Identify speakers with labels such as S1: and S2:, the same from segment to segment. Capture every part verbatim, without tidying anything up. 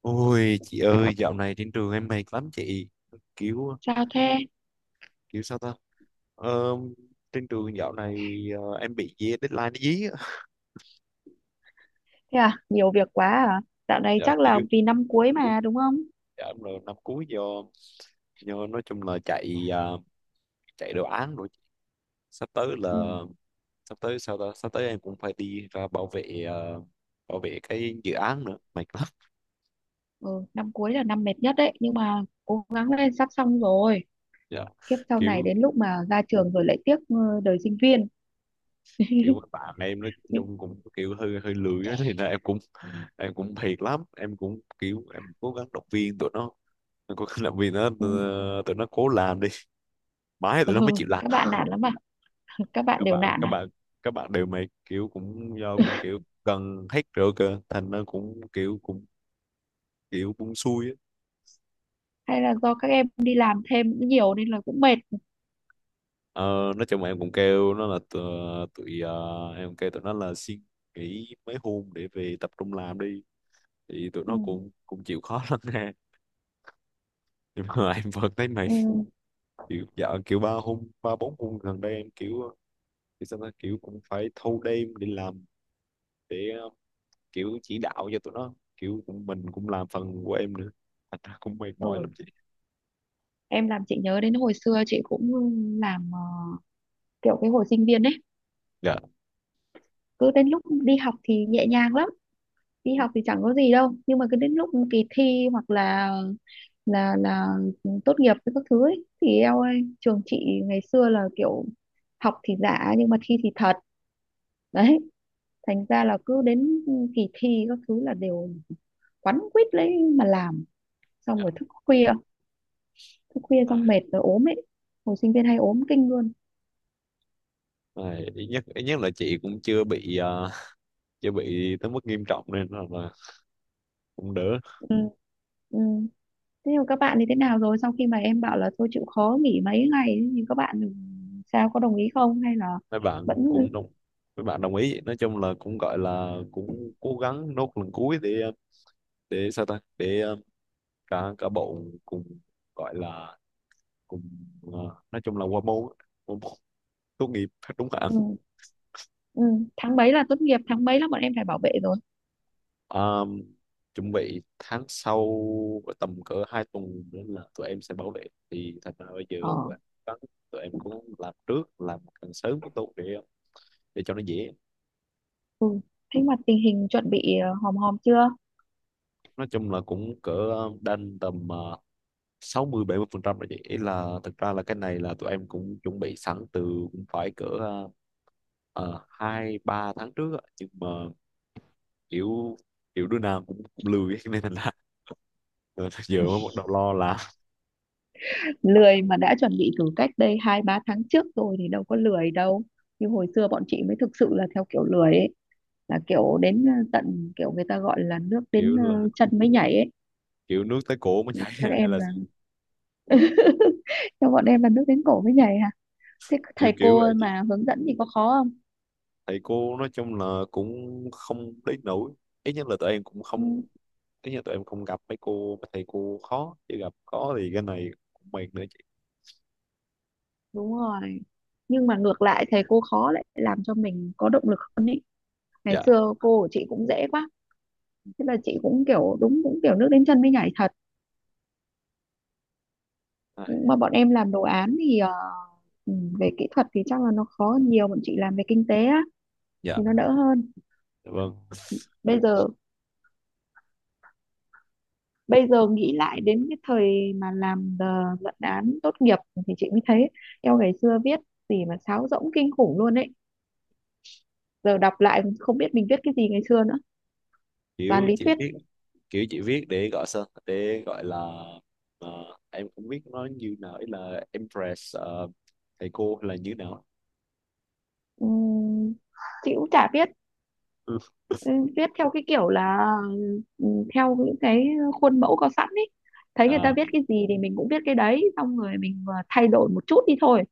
S1: Ôi chị ơi, dạo này trên trường em mệt lắm chị. kiểu
S2: Sao thế?
S1: kiểu sao ta, ờ, trên trường dạo này, ờ, em bị dí- deadline nó dí á.
S2: Thế à? Nhiều việc quá à? Dạo này
S1: Dạ,
S2: chắc
S1: kiểu
S2: là vì năm cuối mà đúng không?
S1: dạ, em là năm cuối do do nói chung là chạy, à, chạy đồ án rồi. Sắp tới
S2: Ừ.
S1: là sắp tới sao ta sắp tới em cũng phải đi ra bảo vệ, ờ, bảo vệ cái dự án nữa mệt lắm.
S2: ừ, Năm cuối là năm mệt nhất đấy, nhưng mà cố gắng lên sắp xong rồi.
S1: Dạ.
S2: Kiếp sau này
S1: kiểu
S2: đến lúc mà ra trường rồi lại tiếc ờ, đời sinh viên.
S1: kiểu bạn em nói
S2: Nhưng.
S1: chung cũng kiểu hơi hơi lười á, thì là em cũng em cũng thiệt lắm. Em cũng kiểu em cố gắng động viên tụi nó, em cố gắng động viên nó,
S2: Ừ.
S1: ờ, tụi nó cố làm đi mãi tụi
S2: Ừ.
S1: nó mới chịu làm.
S2: Các bạn nản lắm à? Các bạn
S1: các
S2: đều
S1: bạn
S2: nản
S1: các
S2: à?
S1: bạn các bạn đều mày kiểu cũng do cũng kiểu cần hết rồi cơ, thành nó cũng kiểu cũng kiểu cũng xui á.
S2: Hay là do các em đi làm thêm cũng nhiều nên là cũng mệt.
S1: ờ, nói chung là em cũng kêu nó là tụi, tụi ờ, em kêu tụi nó là xin nghỉ mấy hôm để về tập trung làm đi, thì tụi
S2: Ừ.
S1: nó cũng cũng chịu khó lắm nè. Nhưng mà em vẫn thấy mày
S2: Ừ.
S1: kiểu dạo kiểu ba hôm ba bốn hôm gần đây em kiểu, thì xong nó kiểu cũng phải thâu đêm để làm, để ờ, kiểu chỉ đạo cho tụi nó, kiểu cũng mình cũng làm phần của em nữa, thành ra cũng mệt mỏi
S2: Ừ.
S1: lắm chị.
S2: Em làm chị nhớ đến hồi xưa chị cũng làm ờ, kiểu cái hồi sinh viên ấy,
S1: Dạ.
S2: cứ đến lúc đi học thì nhẹ nhàng lắm, đi
S1: Ừ.
S2: học thì chẳng có gì đâu nhưng mà cứ đến lúc kỳ thi hoặc là là là tốt nghiệp với các thứ ấy, thì eo ơi trường chị ngày xưa là kiểu học thì giả nhưng mà thi thì thật đấy, thành ra là cứ đến kỳ thi các thứ là đều quắn quýt lấy mà làm, xong
S1: Dạ.
S2: rồi thức khuya thức khuya
S1: À,
S2: xong mệt rồi ốm ấy, hồi sinh viên hay ốm kinh luôn.
S1: này, ít nhất ít nhất là chị cũng chưa bị ờ, chưa bị tới mức nghiêm trọng, nên là, là cũng đỡ.
S2: Ừ. Ừ. Thế nhưng các bạn thì thế nào rồi sau khi mà em bảo là thôi chịu khó nghỉ mấy ngày ấy, nhưng các bạn sao có đồng ý không hay là
S1: mấy bạn
S2: vẫn.
S1: cũng đồng Mấy bạn đồng ý, nói chung là cũng gọi là cũng cố gắng nốt lần cuối để, ờ, để sao ta để ờ, cả cả bộ cùng gọi là cùng, ờ, nói chung là qua môn á, qua môn tốt nghiệp đúng không ạ?
S2: Ừ. Ừ. Tháng mấy là tốt nghiệp, tháng mấy là bọn em phải bảo vệ rồi?
S1: Ờm, Chuẩn bị tháng sau, tầm cỡ hai tuần nữa là tụi em sẽ bảo vệ. Thì thành ra bây giờ
S2: Ờ.
S1: là có- tụi em cũng làm trước, làm càng sớm càng tốt để để cho nó dễ.
S2: Ừ. Thế mà tình hình chuẩn bị ờ, hòm hòm chưa?
S1: Nói chung là cũng cỡ đanh tầm ờ, sáu mươi bảy mươi phần trăm rồi, vậy ý là thực ra là cái này là tụi em cũng chuẩn bị sẵn từ, cũng phải cỡ ờ, ờ, hai ba tháng trước á. Nhưng mà kiểu, kiểu đứa nào cũng lười nên thành ra giờ mới bắt đầu lo, là
S2: Lười mà đã chuẩn bị từ cách đây hai ba tháng trước rồi thì đâu có lười đâu. Như hồi xưa bọn chị mới thực sự là theo kiểu lười ấy, là kiểu đến ờ, tận kiểu người ta gọi là nước đến
S1: kiểu
S2: ờ,
S1: là
S2: chân mới nhảy ấy,
S1: kiểu nước tới cổ mới chảy
S2: các
S1: hay
S2: em
S1: là
S2: là, cho bọn em là nước đến cổ mới nhảy hả? Thế
S1: kiểu
S2: thầy
S1: kiểu vậy
S2: cô
S1: chị.
S2: mà hướng dẫn thì có khó không?
S1: Thầy cô nói chung là cũng không đến nổi, ít nhất là tụi em cũng không,
S2: Ừ,
S1: ít nhất tụi em không gặp mấy cô mấy thầy cô khó, chỉ gặp có thì cái này cũng mệt nữa chị.
S2: đúng rồi. Nhưng mà ngược lại thầy cô khó lại làm cho mình có động lực hơn ý. Ngày
S1: Dạ.
S2: xưa cô của chị cũng dễ quá, thế là chị cũng kiểu đúng cũng kiểu nước đến chân mới nhảy thật,
S1: Ai,
S2: mà bọn em làm đồ án thì ờ, ừ, về kỹ thuật thì chắc là nó khó hơn nhiều, bọn chị làm về kinh tế á
S1: dạ
S2: thì nó đỡ hơn.
S1: vâng.
S2: Bây giờ, bây giờ nghĩ lại đến cái thời mà làm ờ, luận án tốt nghiệp thì chị mới thấy eo ngày xưa viết gì mà sáo rỗng kinh khủng luôn ấy, giờ đọc lại không biết mình viết cái gì ngày xưa nữa, toàn
S1: Kiểu
S2: lý
S1: chị
S2: thuyết.
S1: viết, kiểu chị viết để gọi sao để gọi là, ờ, em cũng biết nó như nào, ý là impress, ờ, thầy cô hay là như nào.
S2: Ừm, chị cũng chả biết.
S1: Ừ.
S2: ừ, Viết theo cái kiểu là ừ, theo những cái khuôn mẫu có sẵn ấy, thấy người ta
S1: À,
S2: viết cái gì thì mình cũng viết cái đấy xong rồi mình ờ, thay đổi một chút đi thôi.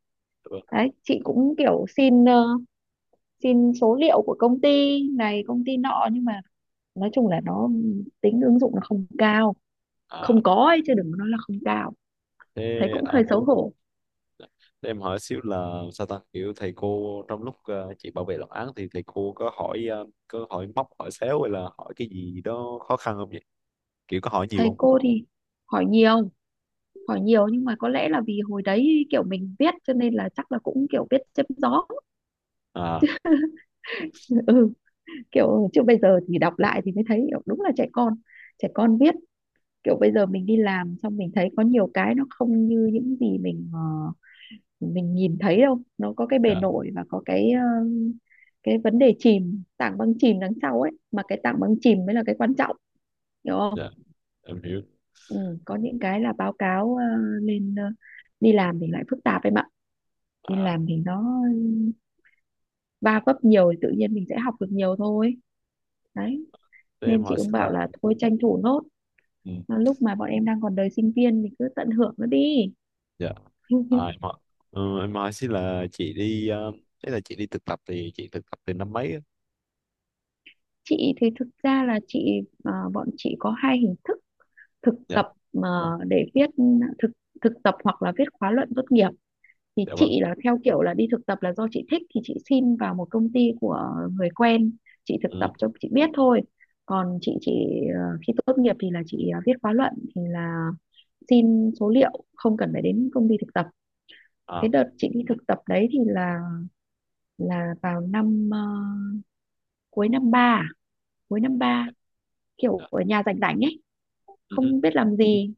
S1: vâng.
S2: Đấy chị cũng kiểu xin ờ, xin số liệu của công ty này công ty nọ nhưng mà nói chung là nó tính ứng dụng nó không cao,
S1: À,
S2: không có ấy chứ đừng có nói là không cao, thấy
S1: thế
S2: cũng
S1: à?
S2: hơi xấu hổ.
S1: Để em hỏi xíu là sao ta, kiểu thầy cô trong lúc, ờ, chị bảo vệ luận án thì thầy cô có hỏi, ờ, có hỏi móc hỏi xéo hay là hỏi cái gì đó khó khăn không vậy, kiểu có hỏi nhiều
S2: Thầy
S1: không á?
S2: cô thì hỏi nhiều, hỏi nhiều nhưng mà có lẽ là vì hồi đấy kiểu mình viết cho nên là chắc là cũng kiểu viết chém gió.
S1: À.
S2: ừ, kiểu chứ bây giờ thì đọc lại thì mới thấy kiểu đúng là trẻ con, trẻ con viết kiểu bây giờ mình đi làm xong mình thấy có nhiều cái nó không như những gì mình ờ, mình nhìn thấy đâu, nó có cái bề
S1: Dạ.
S2: nổi và có cái ờ, cái vấn đề chìm tảng băng chìm đằng sau ấy mà cái tảng băng chìm mới là cái quan trọng, hiểu không?
S1: Dạ em hiểu.
S2: Ừ, có những cái là báo cáo ờ, lên ờ, đi làm thì lại phức tạp em ạ. Đi
S1: À,
S2: làm thì nó va vấp nhiều thì tự nhiên mình sẽ học được nhiều thôi. Đấy
S1: thế em
S2: nên chị
S1: hỏi
S2: cũng
S1: xíu là,
S2: bảo là thôi tranh thủ nốt.
S1: ừ,
S2: Mà lúc mà bọn em đang còn đời sinh viên thì cứ tận hưởng nó đi.
S1: dạ. À, em hỏi, ừ, em hỏi xíu là chị đi, ờ, thế là chị đi thực tập thì chị thực tập từ năm mấy á?
S2: chị thì thực ra là chị, à, bọn chị có hai hình thức thực
S1: Dạ.
S2: tập mà, để viết thực thực tập hoặc là viết khóa luận tốt nghiệp. Thì
S1: Dạ vâng.
S2: chị là theo kiểu là đi thực tập là do chị thích thì chị xin vào một công ty của người quen, chị thực
S1: Ừ.
S2: tập cho chị biết thôi. Còn chị chị ờ, khi tốt nghiệp thì là chị ờ, viết khóa luận thì là xin số liệu không cần phải đến công ty thực tập.
S1: À.
S2: Cái đợt chị đi thực tập đấy thì là là vào năm ờ, cuối năm ba à? Cuối năm ba,
S1: Dạ. Dạ.
S2: kiểu ở nhà rảnh rảnh ấy
S1: Ừ.
S2: không biết làm gì,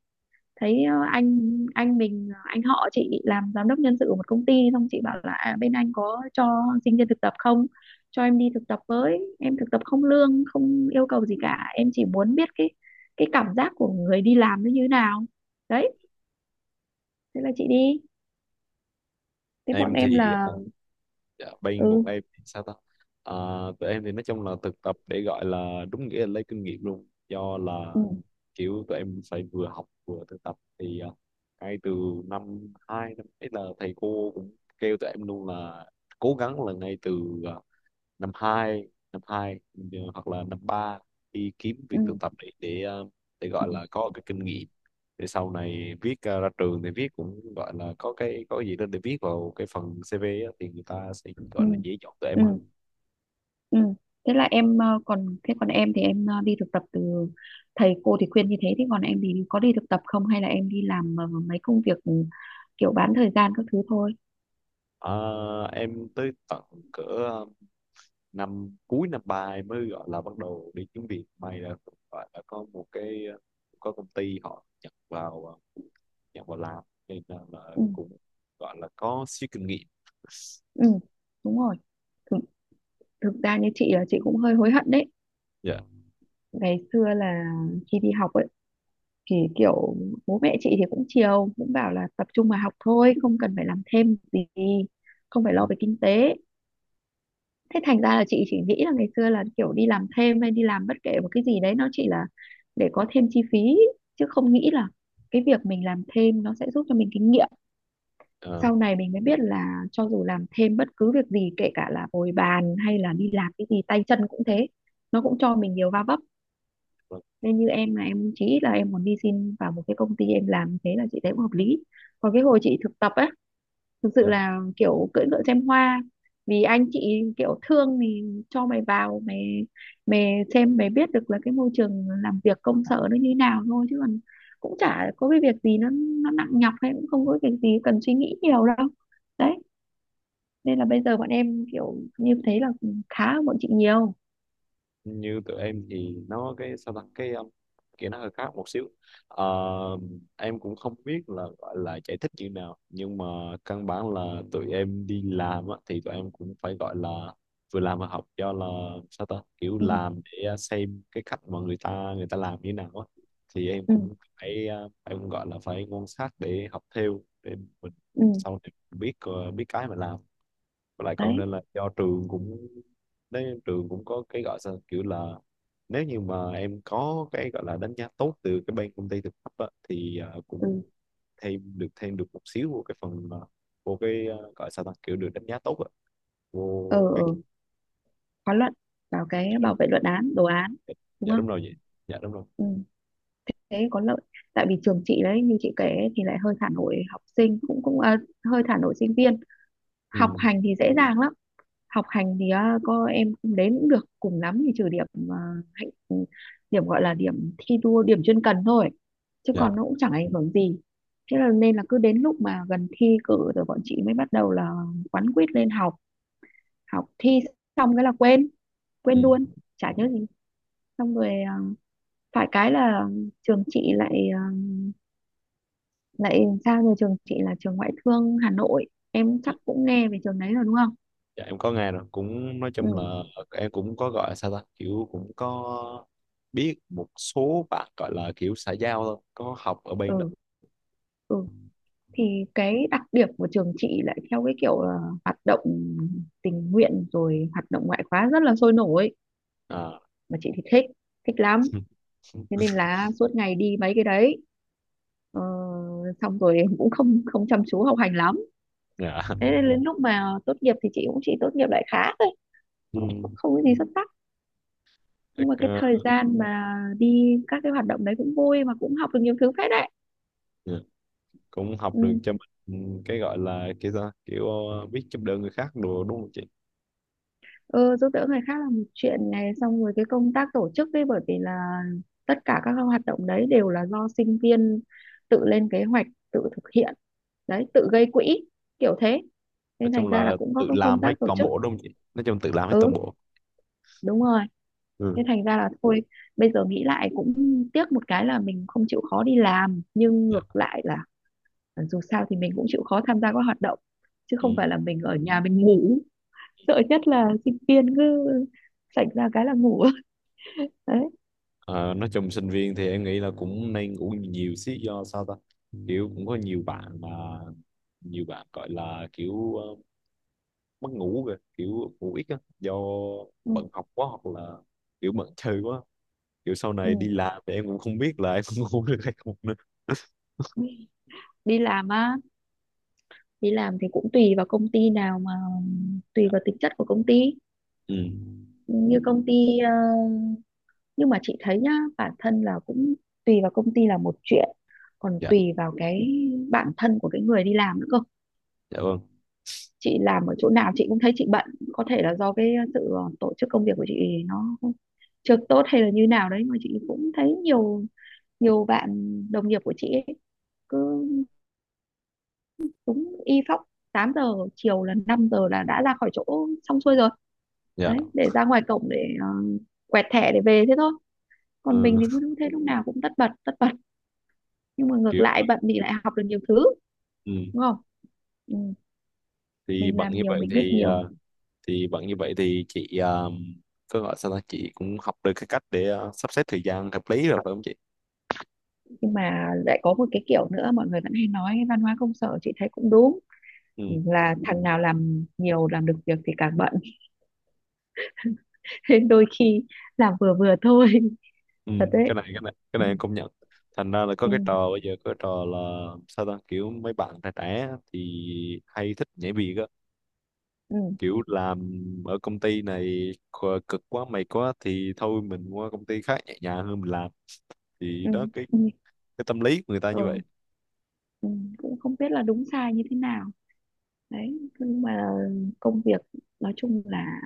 S2: thấy ờ, anh anh mình ờ, anh họ chị làm giám đốc nhân sự của một công ty, xong chị bảo là à, bên anh có cho sinh viên thực tập không, cho em đi thực tập với, em thực tập không lương không yêu cầu gì cả, em chỉ muốn biết cái cái cảm giác của người đi làm nó như thế nào. Đấy thế là chị đi. Thế bọn
S1: Em
S2: em
S1: thì,
S2: là.
S1: ờ, dạ, bên
S2: Ừ.
S1: bọn em thì sao ta? À, tụi em thì nói chung là thực tập để gọi là đúng nghĩa là lấy kinh nghiệm luôn, do là
S2: Ừ.
S1: kiểu tụi em phải vừa học vừa thực tập thì, à, ngay từ năm hai năm ấy là thầy cô cũng kêu tụi em luôn là cố gắng là ngay từ, à, năm hai năm hai ừ, hoặc là năm ba đi kiếm việc
S2: Ừ.
S1: thực tập để để ờ, để
S2: Ừ.
S1: gọi là có cái kinh nghiệm, để sau này viết, ờ, ra trường thì viết cũng gọi là có cái có gì đó để viết vào cái phần xi vi á, thì người ta sẽ gọi
S2: Ừ.
S1: là dễ chọn tụi em
S2: Ừ.
S1: hơn.
S2: Ừ. Thế là em ờ, còn thế còn em thì em ờ, đi thực tập từ, thầy cô thì khuyên như thế, thế còn em thì có đi thực tập không hay là em đi làm ờ, mấy công việc ừ, kiểu bán thời gian các thứ thôi.
S1: Ờ, em tới tận cỡ ờ, năm cuối năm ba em mới gọi là bắt đầu đi kiếm việc, may là gọi là có một cái, ờ, có công ty họ nhận vào, ờ, nhận vào làm nên là, là
S2: Ừ.
S1: cũng gọi là có xíu kinh nghiệm.
S2: Ừ, đúng rồi. thực, Thực ra như chị là chị cũng hơi hối hận đấy,
S1: Dạ.
S2: ngày xưa là khi đi học ấy thì kiểu bố mẹ chị thì cũng chiều cũng bảo là tập trung mà học thôi không cần phải làm thêm gì, không phải
S1: Ừ.
S2: lo về kinh tế. Thế thành ra là chị chỉ nghĩ là ngày xưa là kiểu đi làm thêm hay đi làm bất kể một cái gì đấy nó chỉ là để có thêm chi phí chứ không nghĩ là cái việc mình làm thêm nó sẽ giúp cho mình kinh nghiệm.
S1: Ờ.
S2: Sau này mình mới biết là cho dù làm thêm bất cứ việc gì kể cả là bồi bàn hay là đi làm cái gì tay chân cũng thế, nó cũng cho mình nhiều va vấp.
S1: Vâng.
S2: Nên như em là em chỉ là em muốn đi xin vào một cái công ty em làm như thế là chị thấy cũng hợp lý. Còn cái hồi chị thực tập ấy thực sự
S1: Dạ.
S2: là kiểu cưỡi ngựa xem hoa, vì anh chị kiểu thương thì cho mày vào, mày mày xem mày biết được là cái môi trường làm việc công sở nó như thế nào thôi chứ còn cũng chả có cái việc gì nó nó nặng nhọc hay cũng không có việc gì cần suy nghĩ nhiều đâu. Đấy nên là bây giờ bọn em kiểu như thấy là khá hơn bọn chị nhiều.
S1: Như tụi em thì nó cái sao ta cái um, kiểu nó hơi khác một xíu. Ờ, em cũng không biết là gọi là giải thích như nào, nhưng mà căn bản là tụi em đi làm á, thì tụi em cũng phải gọi là vừa làm vừa học, do là sao ta kiểu
S2: Ừ.
S1: làm để, à, xem cái cách mà người ta người ta làm như nào á. Thì em
S2: Ừ.
S1: cũng phải uh, em cũng gọi là phải quan sát để học theo, để mình
S2: Ừ.
S1: sau này biết, uh, biết cái mà làm. Và lại cộng
S2: Đấy.
S1: nên là do trường cũng, đấy, trường cũng có cái gọi sao kiểu là, nếu như mà em có cái gọi là đánh giá tốt từ cái bên công ty thực tập á, thì ờ,
S2: Ừ.
S1: cũng thêm được, thêm được một xíu của cái phần, ờ, của cái ờ, gọi sao ta kiểu được đánh giá tốt á, vô
S2: Ờ.
S1: cái.
S2: Ừ, khóa luận vào cái
S1: Dạ đúng.
S2: bảo vệ luận án đồ án
S1: Dạ.
S2: đúng
S1: Dạ đúng
S2: không?
S1: rồi vậy. Dạ đúng rồi.
S2: Ừ thế có lợi. Tại vì trường chị đấy như chị kể ấy, thì lại hơi thả nổi học sinh cũng cũng à, hơi thả nổi sinh viên, học
S1: Ừ.
S2: hành thì dễ dàng lắm. Học hành thì à, có em không đến cũng được cùng lắm thì trừ điểm, à, hạnh ừ, điểm gọi là điểm thi đua điểm chuyên cần thôi chứ
S1: Dạ.
S2: còn nó cũng chẳng ảnh hưởng gì. Thế là nên là cứ đến lúc mà gần thi cử rồi bọn chị mới bắt đầu là quán quýt lên học, học thi xong cái là quên,
S1: Ừ.
S2: quên luôn chả nhớ gì, xong rồi à, phải cái là trường chị lại, à, lại sao như trường chị là trường ngoại thương Hà Nội, em chắc cũng nghe về trường đấy rồi đúng không?
S1: Dạ em có nghe rồi, cũng nói
S2: Ừ.
S1: chung là em cũng có gọi là sao ta kiểu cũng có biết một số bạn gọi là kiểu xã giao thôi có học ở bên đó.
S2: Ừ. Ừ. Thì cái đặc điểm của trường chị lại theo cái kiểu là hoạt động tình nguyện rồi hoạt động ngoại khóa rất là sôi nổi,
S1: À.
S2: mà chị thì thích, thích lắm.
S1: Ừ.
S2: Thế nên là suốt ngày đi mấy cái đấy. Ờ, Xong rồi em cũng không không chăm chú học hành lắm.
S1: Dạ.
S2: Thế nên đến lúc mà tốt nghiệp thì chị cũng chỉ tốt nghiệp lại khá thôi,
S1: Ừ.
S2: không, không có gì xuất sắc, nhưng mà
S1: Ác-
S2: cái
S1: ờ,
S2: thời gian mà đi các cái hoạt động đấy cũng vui mà cũng học được nhiều thứ phết đấy.
S1: dạ. Cũng học được
S2: Ừ.
S1: cho mình. Ừ, cái gọi là cái sao kiểu, ờ, biết giúp đỡ người khác đồ đúng không chị?
S2: Ừ, giúp đỡ người khác là một chuyện này, xong rồi cái công tác tổ chức ấy bởi vì là tất cả các hoạt động đấy đều là do sinh viên tự lên kế hoạch, tự thực hiện, đấy tự gây quỹ kiểu thế,
S1: Nói
S2: nên
S1: chung
S2: thành ra là
S1: là
S2: cũng có
S1: tự
S2: công
S1: làm hết
S2: tác tổ
S1: toàn
S2: chức.
S1: bộ đúng không chị? Nói chung tự làm hết toàn
S2: Ừ,
S1: bộ.
S2: đúng rồi. Nên
S1: Ừ.
S2: thành ra là thôi, bây giờ nghĩ lại cũng tiếc một cái là mình không chịu khó đi làm nhưng
S1: Dạ.
S2: ngược lại là, Ờ, dù sao thì mình cũng chịu khó tham gia các hoạt động chứ không phải
S1: Ừ.
S2: là mình ở nhà mình ngủ. Sợ nhất là sinh viên cứ sạch ra cái là ngủ. đấy.
S1: Ờ, nói chung sinh viên thì em nghĩ là cũng nên ngủ nhiều xí, do sao ta kiểu cũng có nhiều bạn mà, nhiều bạn gọi là kiểu, ờ, mất ngủ kìa, kiểu ngủ ít á do
S2: Ừ.
S1: bận học quá, hoặc là kiểu bận chơi quá. Kiểu sau
S2: Ừ.
S1: này đi làm thì em cũng không biết là em cũng ngủ được hay không.
S2: Đi làm á, đi làm thì cũng tùy vào công ty nào mà tùy
S1: Dạ.
S2: vào tính chất của công ty,
S1: Ừ.
S2: như công ty ờ, nhưng mà chị thấy nhá, bản thân là cũng tùy vào công ty là một chuyện, còn
S1: Dạ.
S2: tùy vào cái bản thân của cái người đi làm nữa cơ.
S1: Dạ vâng.
S2: Chị làm ở chỗ nào chị cũng thấy chị bận, có thể là do cái sự ờ, tổ chức công việc của chị nó chưa tốt hay là như nào đấy, mà chị cũng thấy nhiều nhiều bạn đồng nghiệp của chị ấy, cứ đúng y phóc tám giờ chiều là năm giờ là đã ra khỏi chỗ xong xuôi rồi,
S1: Dạ.
S2: đấy để ra ngoài cổng để ờ, quẹt thẻ để về thế thôi. Còn mình
S1: Ừ,
S2: thì cứ thế lúc nào cũng tất bật tất bật, nhưng mà ngược
S1: kiểu.
S2: lại bận thì lại học được nhiều thứ,
S1: Ừ.
S2: đúng không? Ừ,
S1: thì
S2: mình
S1: bận
S2: làm
S1: như
S2: nhiều
S1: vậy
S2: mình biết
S1: thì
S2: nhiều.
S1: ờ, thì bận như vậy thì chị, ờ, có gọi sao ta, chị cũng học được cái cách để, ờ, sắp xếp thời gian hợp lý rồi phải không chị?
S2: Nhưng mà lại có một cái kiểu nữa mọi người vẫn hay nói văn hóa công sở chị thấy cũng đúng,
S1: Ừ.
S2: là thằng nào làm nhiều làm được việc thì càng bận, nên đôi khi làm vừa vừa thôi,
S1: Ừ.
S2: thật
S1: cái
S2: đấy.
S1: này cái này cái
S2: Ừ.
S1: này em công nhận. Thành ra là có cái
S2: Ừ.
S1: trò bây giờ, có cái trò là sao ta kiểu mấy bạn trẻ trẻ thì hay thích nhảy việc á,
S2: Ừ.
S1: kiểu làm ở công ty này khờ- cực quá mệt quá thì thôi mình qua công ty khác nhẹ nhàng hơn mình làm. Thì
S2: Ừ.
S1: đó cái
S2: Ừ.
S1: cái tâm lý của người ta như
S2: Ừ.
S1: vậy.
S2: Ừ. Cũng không biết là đúng sai như thế nào. Đấy nhưng mà công việc nói chung là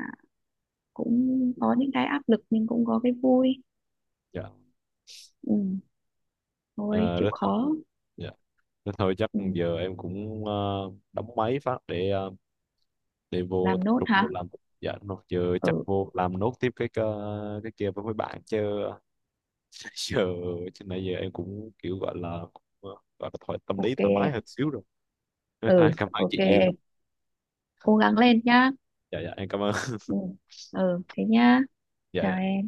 S2: cũng có những cái áp lực nhưng cũng có cái vui.
S1: Dạ.
S2: Ừ, thôi
S1: Ờ,
S2: chịu
S1: rất thật.
S2: khó.
S1: Dạ. Thế thôi chắc
S2: Ừ,
S1: giờ em cũng, ờ, đóng máy phát để, ờ, để vô
S2: làm
S1: tập
S2: nốt
S1: trung vô
S2: hả?
S1: làm. Dạ đúng rồi. Giờ chắc
S2: Ừ,
S1: vô làm nốt tiếp cái cái, cái kia với mấy bạn chứ. Giờ, chứ nãy giờ em cũng kiểu gọi là cũng, ờ, gọi là thoải tâm lý
S2: ok
S1: thoải mái
S2: em.
S1: hơn xíu rồi. Thế thôi,
S2: Ừ,
S1: cảm ơn
S2: ok
S1: chị nhiều.
S2: em, cố gắng lên nhá.
S1: Dạ dạ em cảm ơn.
S2: Ừ. Ừ, thế nhá,
S1: Dạ
S2: chào
S1: dạ.
S2: em.